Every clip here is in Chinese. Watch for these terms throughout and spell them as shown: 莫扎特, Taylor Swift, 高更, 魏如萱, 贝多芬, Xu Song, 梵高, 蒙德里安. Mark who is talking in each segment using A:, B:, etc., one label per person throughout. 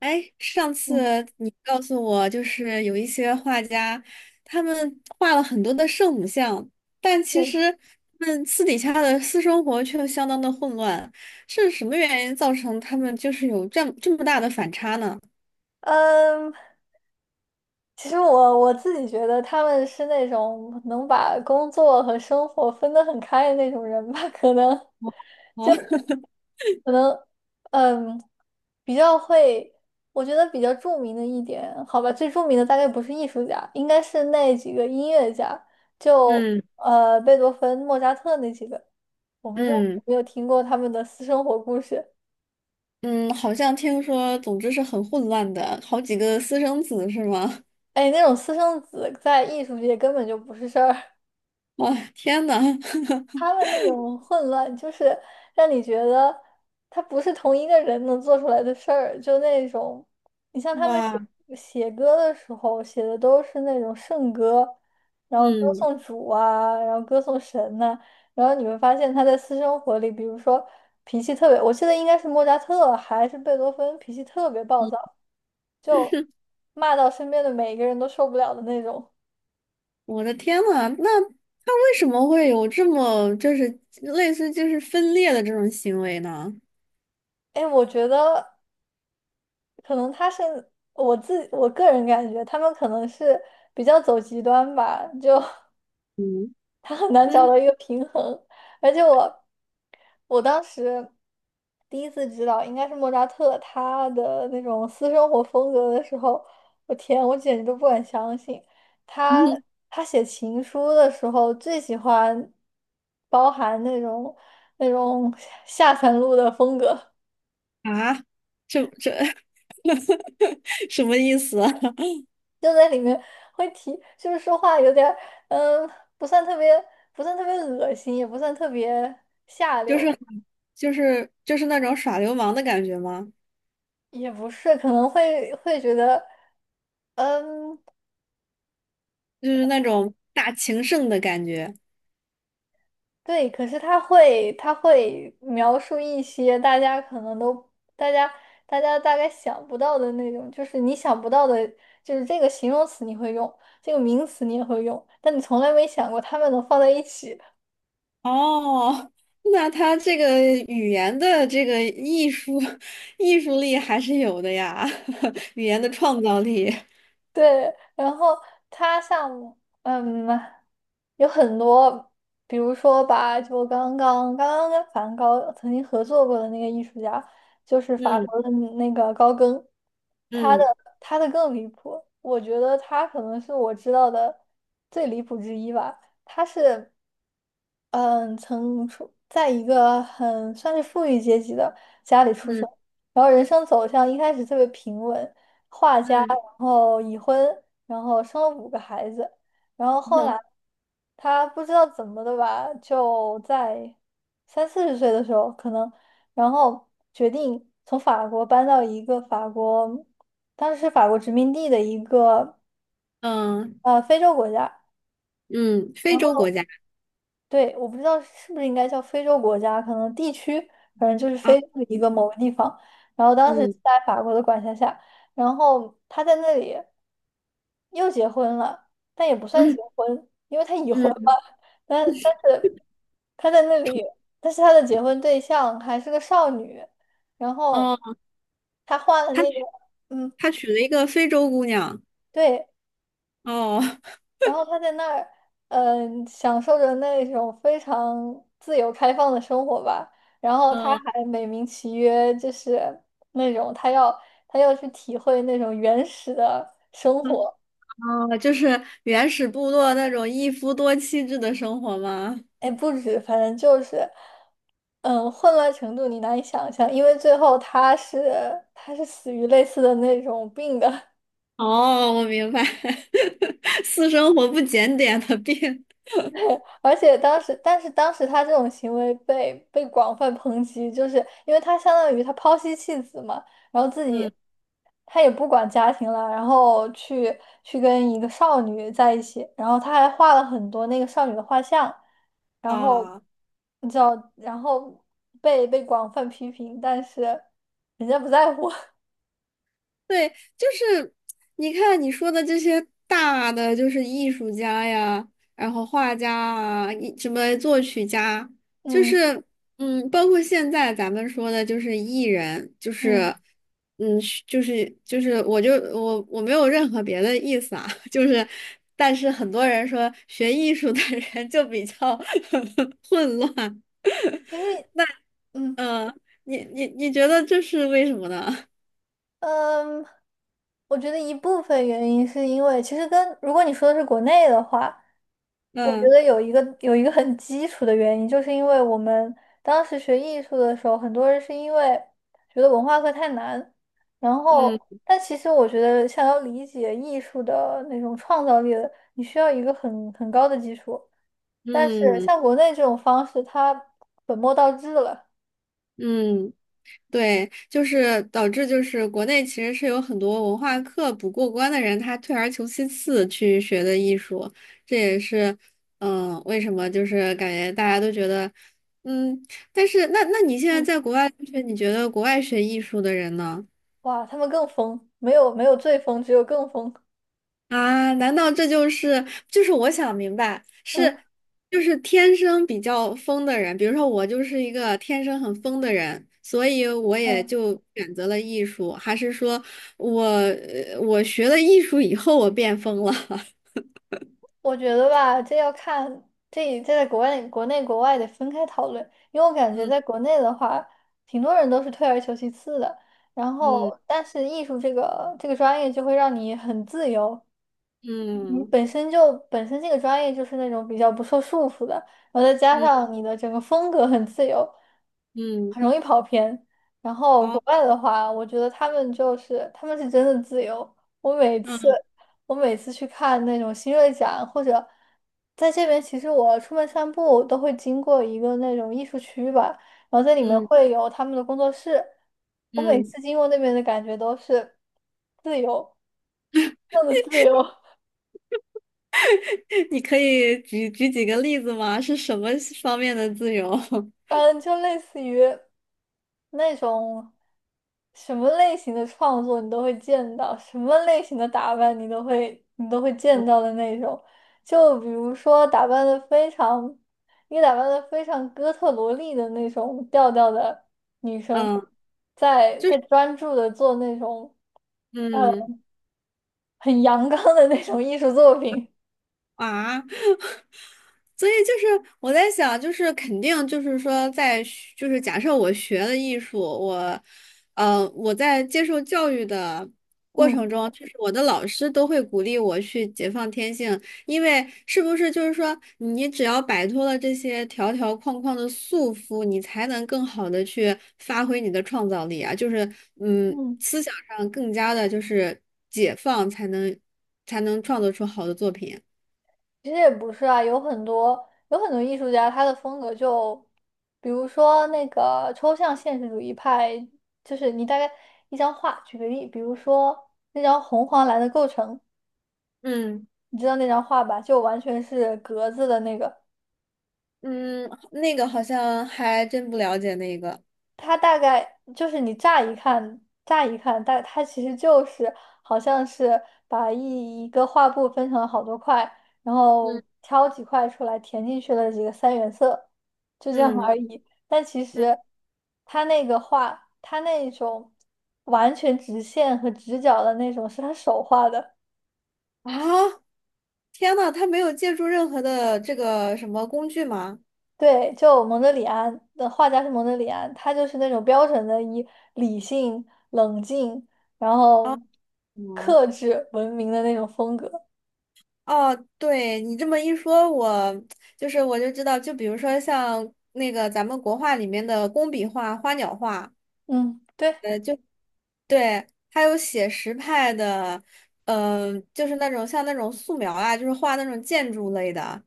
A: 哎，上
B: 嗯，
A: 次你告诉我，就是有一些画家，他们画了很多的圣母像，但其
B: 对，
A: 实他们私底下的私生活却相当的混乱，是什么原因造成他们就是有这么大的反差呢？
B: 嗯，其实我自己觉得他们是那种能把工作和生活分得很开的那种人吧，可能，
A: 哦，
B: 可能，嗯，比较会。我觉得比较著名的一点，好吧，最著名的大概不是艺术家，应该是那几个音乐家，就
A: 嗯
B: 贝多芬、莫扎特那几个。我不知道
A: 嗯
B: 有没有听过他们的私生活故事。
A: 嗯，好像听说，总之是很混乱的，好几个私生子是吗？
B: 哎，那种私生子在艺术界根本就不是事儿。
A: 哇，天呐！
B: 他 们那种混乱，就是让你觉得他不是同一个人能做出来的事儿，就那种。你像他们写
A: 哇，
B: 写歌的时候，写的都是那种圣歌，然后歌
A: 嗯。
B: 颂主啊，然后歌颂神呐、然后你会发现他在私生活里，比如说脾气特别，我记得应该是莫扎特还是贝多芬，脾气特别暴躁，就骂到身边的每一个人都受不了的那种。
A: 我的天呐，那他为什么会有这么就是类似就是分裂的这种行为呢？
B: 哎，我觉得。可能他是我个人感觉，他们可能是比较走极端吧，就
A: 嗯
B: 他很难找
A: 嗯
B: 到一个平衡。而且我当时第一次知道应该是莫扎特他的那种私生活风格的时候，我天，我简直都不敢相信。他
A: 嗯
B: 他写情书的时候最喜欢包含那种那种 下三路的风格。
A: 啊，这 什么意思啊？
B: 就在里面会提，就是说话有点儿嗯，不算特别，恶心，也不算特别下
A: 就是
B: 流。
A: 那种耍流氓的感觉吗？
B: 也不是，可能会觉得。嗯，
A: 就是那种大情圣的感觉。
B: 对，可是他会描述一些大家可能都大家大家大概想不到的那种，就是你想不到的。就是这个形容词你会用，这个名词你也会用，但你从来没想过他们能放在一起。
A: 哦，那他这个语言的这个艺术 艺术力还是有的呀，语言的创造力。
B: 对，然后他像嗯，有很多。比如说吧，就刚刚跟梵高曾经合作过的那个艺术家，就是法
A: 嗯
B: 国的那个高更。他的
A: 嗯
B: 他的更离谱，我觉得他可能是我知道的最离谱之一吧。他是嗯，曾出在一个很算是富裕阶级的家里出
A: 嗯
B: 生，然后人生走向一开始特别平稳，画家，
A: 嗯，
B: 然后已婚，然后生了五个孩子，然后后来 他不知道怎么的吧，就在三四十岁的时候可能，然后决定从法国搬到一个法国，当时是法国殖民地的一个
A: 嗯
B: 非洲国家。
A: 嗯，非
B: 然
A: 洲
B: 后。
A: 国家
B: 对，我不知道是不是应该叫非洲国家，可能地区，反正就是
A: 啊，
B: 非洲的一个某个地方。然后当时是
A: 嗯
B: 在法国的管辖下，然后他在那里又结婚了，但也不算结
A: 嗯
B: 婚，因为他已婚
A: 嗯，
B: 了。但是他在那里，但是他的结婚对象还是个少女。然后
A: 哦，
B: 他换了
A: 他
B: 那个。嗯，
A: 他娶了一个非洲姑娘，
B: 对，
A: 哦
B: 然后他在那儿，享受着那种非常自由开放的生活吧。然后他还美名其曰，就是那种他要去体会那种原始的生活。
A: 哦，就是原始部落那种一夫多妻制的生活吗？
B: 哎，不止，反正就是。混乱程度你难以想象，因为最后他是死于类似的那种病的。
A: 哦，我明白，私生活不检点的病，
B: 而且当时，但是当时他这种行为被广泛抨击，就是因为他相当于他抛妻弃子嘛，然后自己
A: 嗯
B: 他也不管家庭了，然后去跟一个少女在一起，然后他还画了很多那个少女的画像。然后
A: 啊。
B: 你知道，然后被广泛批评，但是人家不在乎。
A: 对，就是你看你说的这些大的，就是艺术家呀，然后画家啊，一什么作曲家，就
B: 嗯
A: 是嗯，包括现在咱们说的，就是艺人，就
B: 嗯，
A: 是嗯，就是，我就我没有任何别的意思啊，就是，但是很多人说学艺术的人就比较 混乱，
B: 其实嗯。
A: 嗯，你觉得这是为什么呢？
B: 嗯，我觉得一部分原因是因为，其实跟如果你说的是国内的话，我觉
A: 嗯
B: 得有一个很基础的原因，就是因为我们当时学艺术的时候，很多人是因为觉得文化课太难。然后
A: 嗯
B: 但其实我觉得想要理解艺术的那种创造力的，你需要一个很高的基础。但是
A: 嗯。
B: 像国内这种方式，它本末倒置了。
A: 嗯，对，就是导致就是国内其实是有很多文化课不过关的人，他退而求其次去学的艺术，这也是嗯为什么就是感觉大家都觉得嗯，但是那你现在
B: 嗯，
A: 在国外留学，你觉得国外学艺术的人呢？
B: 哇，他们更疯，没有最疯，只有更疯。
A: 啊，难道这就是我想明白是
B: 嗯。
A: 就是天生比较疯的人，比如说我就是一个天生很疯的人，所以我也
B: 嗯，
A: 就选择了艺术，还是说我学了艺术以后我变疯了？
B: 我觉得吧，这要看这在国外、国内、国外得分开讨论，因为我感觉在
A: 嗯
B: 国内的话，挺多人都是退而求其次的。然
A: 嗯
B: 后，但是艺术这个专业就会让你很自由，你
A: 嗯
B: 本身就本身这个专业就是那种比较不受束缚的，然后再加
A: 嗯
B: 上你的整个风格很自由，
A: 嗯，
B: 很容易跑偏。然后
A: 好，
B: 国外的话，我觉得他们就是他们是真的自由。我每次我每次去看那种新锐展，或者在这边，其实我出门散步都会经过一个那种艺术区吧，然后在里面
A: 嗯
B: 会有他们的工作室。我每
A: 嗯，
B: 次经过那边的感觉都是自由，那么自由。
A: 你可以举举几个例子吗？是什么方面的自由？
B: 嗯，就类似于那种什么类型的创作你都会见到，什么类型的打扮你都会见到的那种。就比如说打扮的非常，一个打扮的非常哥特萝莉的那种调调的女生，
A: 嗯
B: 在专注的做那种
A: 嗯
B: 很阳刚的那种艺术作品。
A: 啊。所以就是我在想，就是肯定就是说在学就是假设我学了艺术，我，我在接受教育的过程
B: 嗯
A: 中，就是我的老师都会鼓励我去解放天性，因为是不是就是说你只要摆脱了这些条条框框的束缚，你才能更好的去发挥你的创造力啊，就是嗯，
B: 嗯。
A: 思想上更加的就是解放，才能创作出好的作品。
B: 其实也不是啊，有很多艺术家，他的风格就，比如说那个抽象现实主义派，就是你大概一张画，举个例，比如说那张红黄蓝的构成，
A: 嗯。
B: 你知道那张画吧，就完全是格子的那个。
A: 嗯，那个好像还真不了解那个。
B: 它大概就是你乍一看，但它其实就是好像是把一个画布分成了好多块，然后
A: 嗯
B: 挑几块出来填进去了几个三原色，就这样
A: 嗯
B: 而已。但其
A: 嗯
B: 实它那个画，它那种完全直线和直角的那种，是他手画的。
A: 啊！天呐，他没有借助任何的这个什么工具吗？
B: 对，就蒙德里安的画家是蒙德里安，他就是那种标准的以理性、冷静，然
A: 啊，
B: 后
A: 嗯，
B: 克制文明的那种风格。
A: 哦，对你这么一说，我就知道，就比如说像那个咱们国画里面的工笔画、花鸟画，
B: 嗯，对。
A: 对，还有写实派的，就是那种像那种素描啊，就是画那种建筑类的，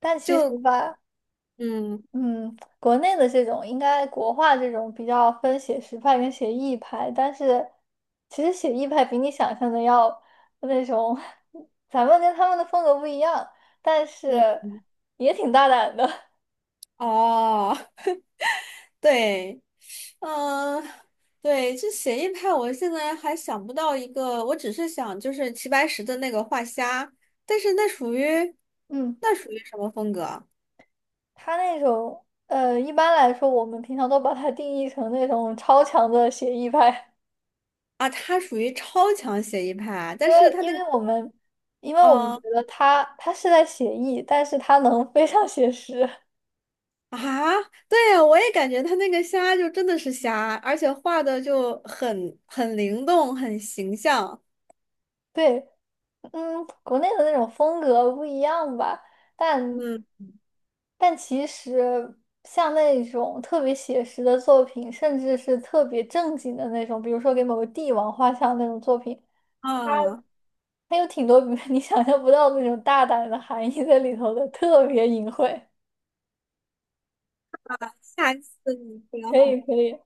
B: 但其实
A: 就
B: 吧，
A: 嗯
B: 嗯，国内的这种应该国画这种比较分写实派跟写意派，但是其实写意派比你想象的要那种，咱们跟他们的风格不一样，但
A: 嗯，
B: 是也挺大胆的。
A: 哦，对。嗯，对，这写意派，我现在还想不到一个，我只是想就是齐白石的那个画虾，但是那属于
B: 嗯。
A: 那属于什么风格啊？
B: 他那种，一般来说，我们平常都把它定义成那种超强的写意派，
A: 啊他属于超强写意派，
B: 因
A: 但
B: 为
A: 是他
B: 因
A: 那个，
B: 为我们因为我们觉
A: 呃，
B: 得他是在写意，但是他能非常写实。
A: 啊，对，我也感觉他那个虾就真的是虾，而且画的就很灵动，很形象。
B: 对，嗯，国内的那种风格不一样吧，但
A: 嗯
B: 但其实像那种特别写实的作品，甚至是特别正经的那种，比如说给某个帝王画像那种作品。
A: 啊，
B: 它有挺多 你想象不到那种大胆的含义在里头的，特别隐晦。
A: 下次你不
B: 可
A: 要。
B: 以，可以。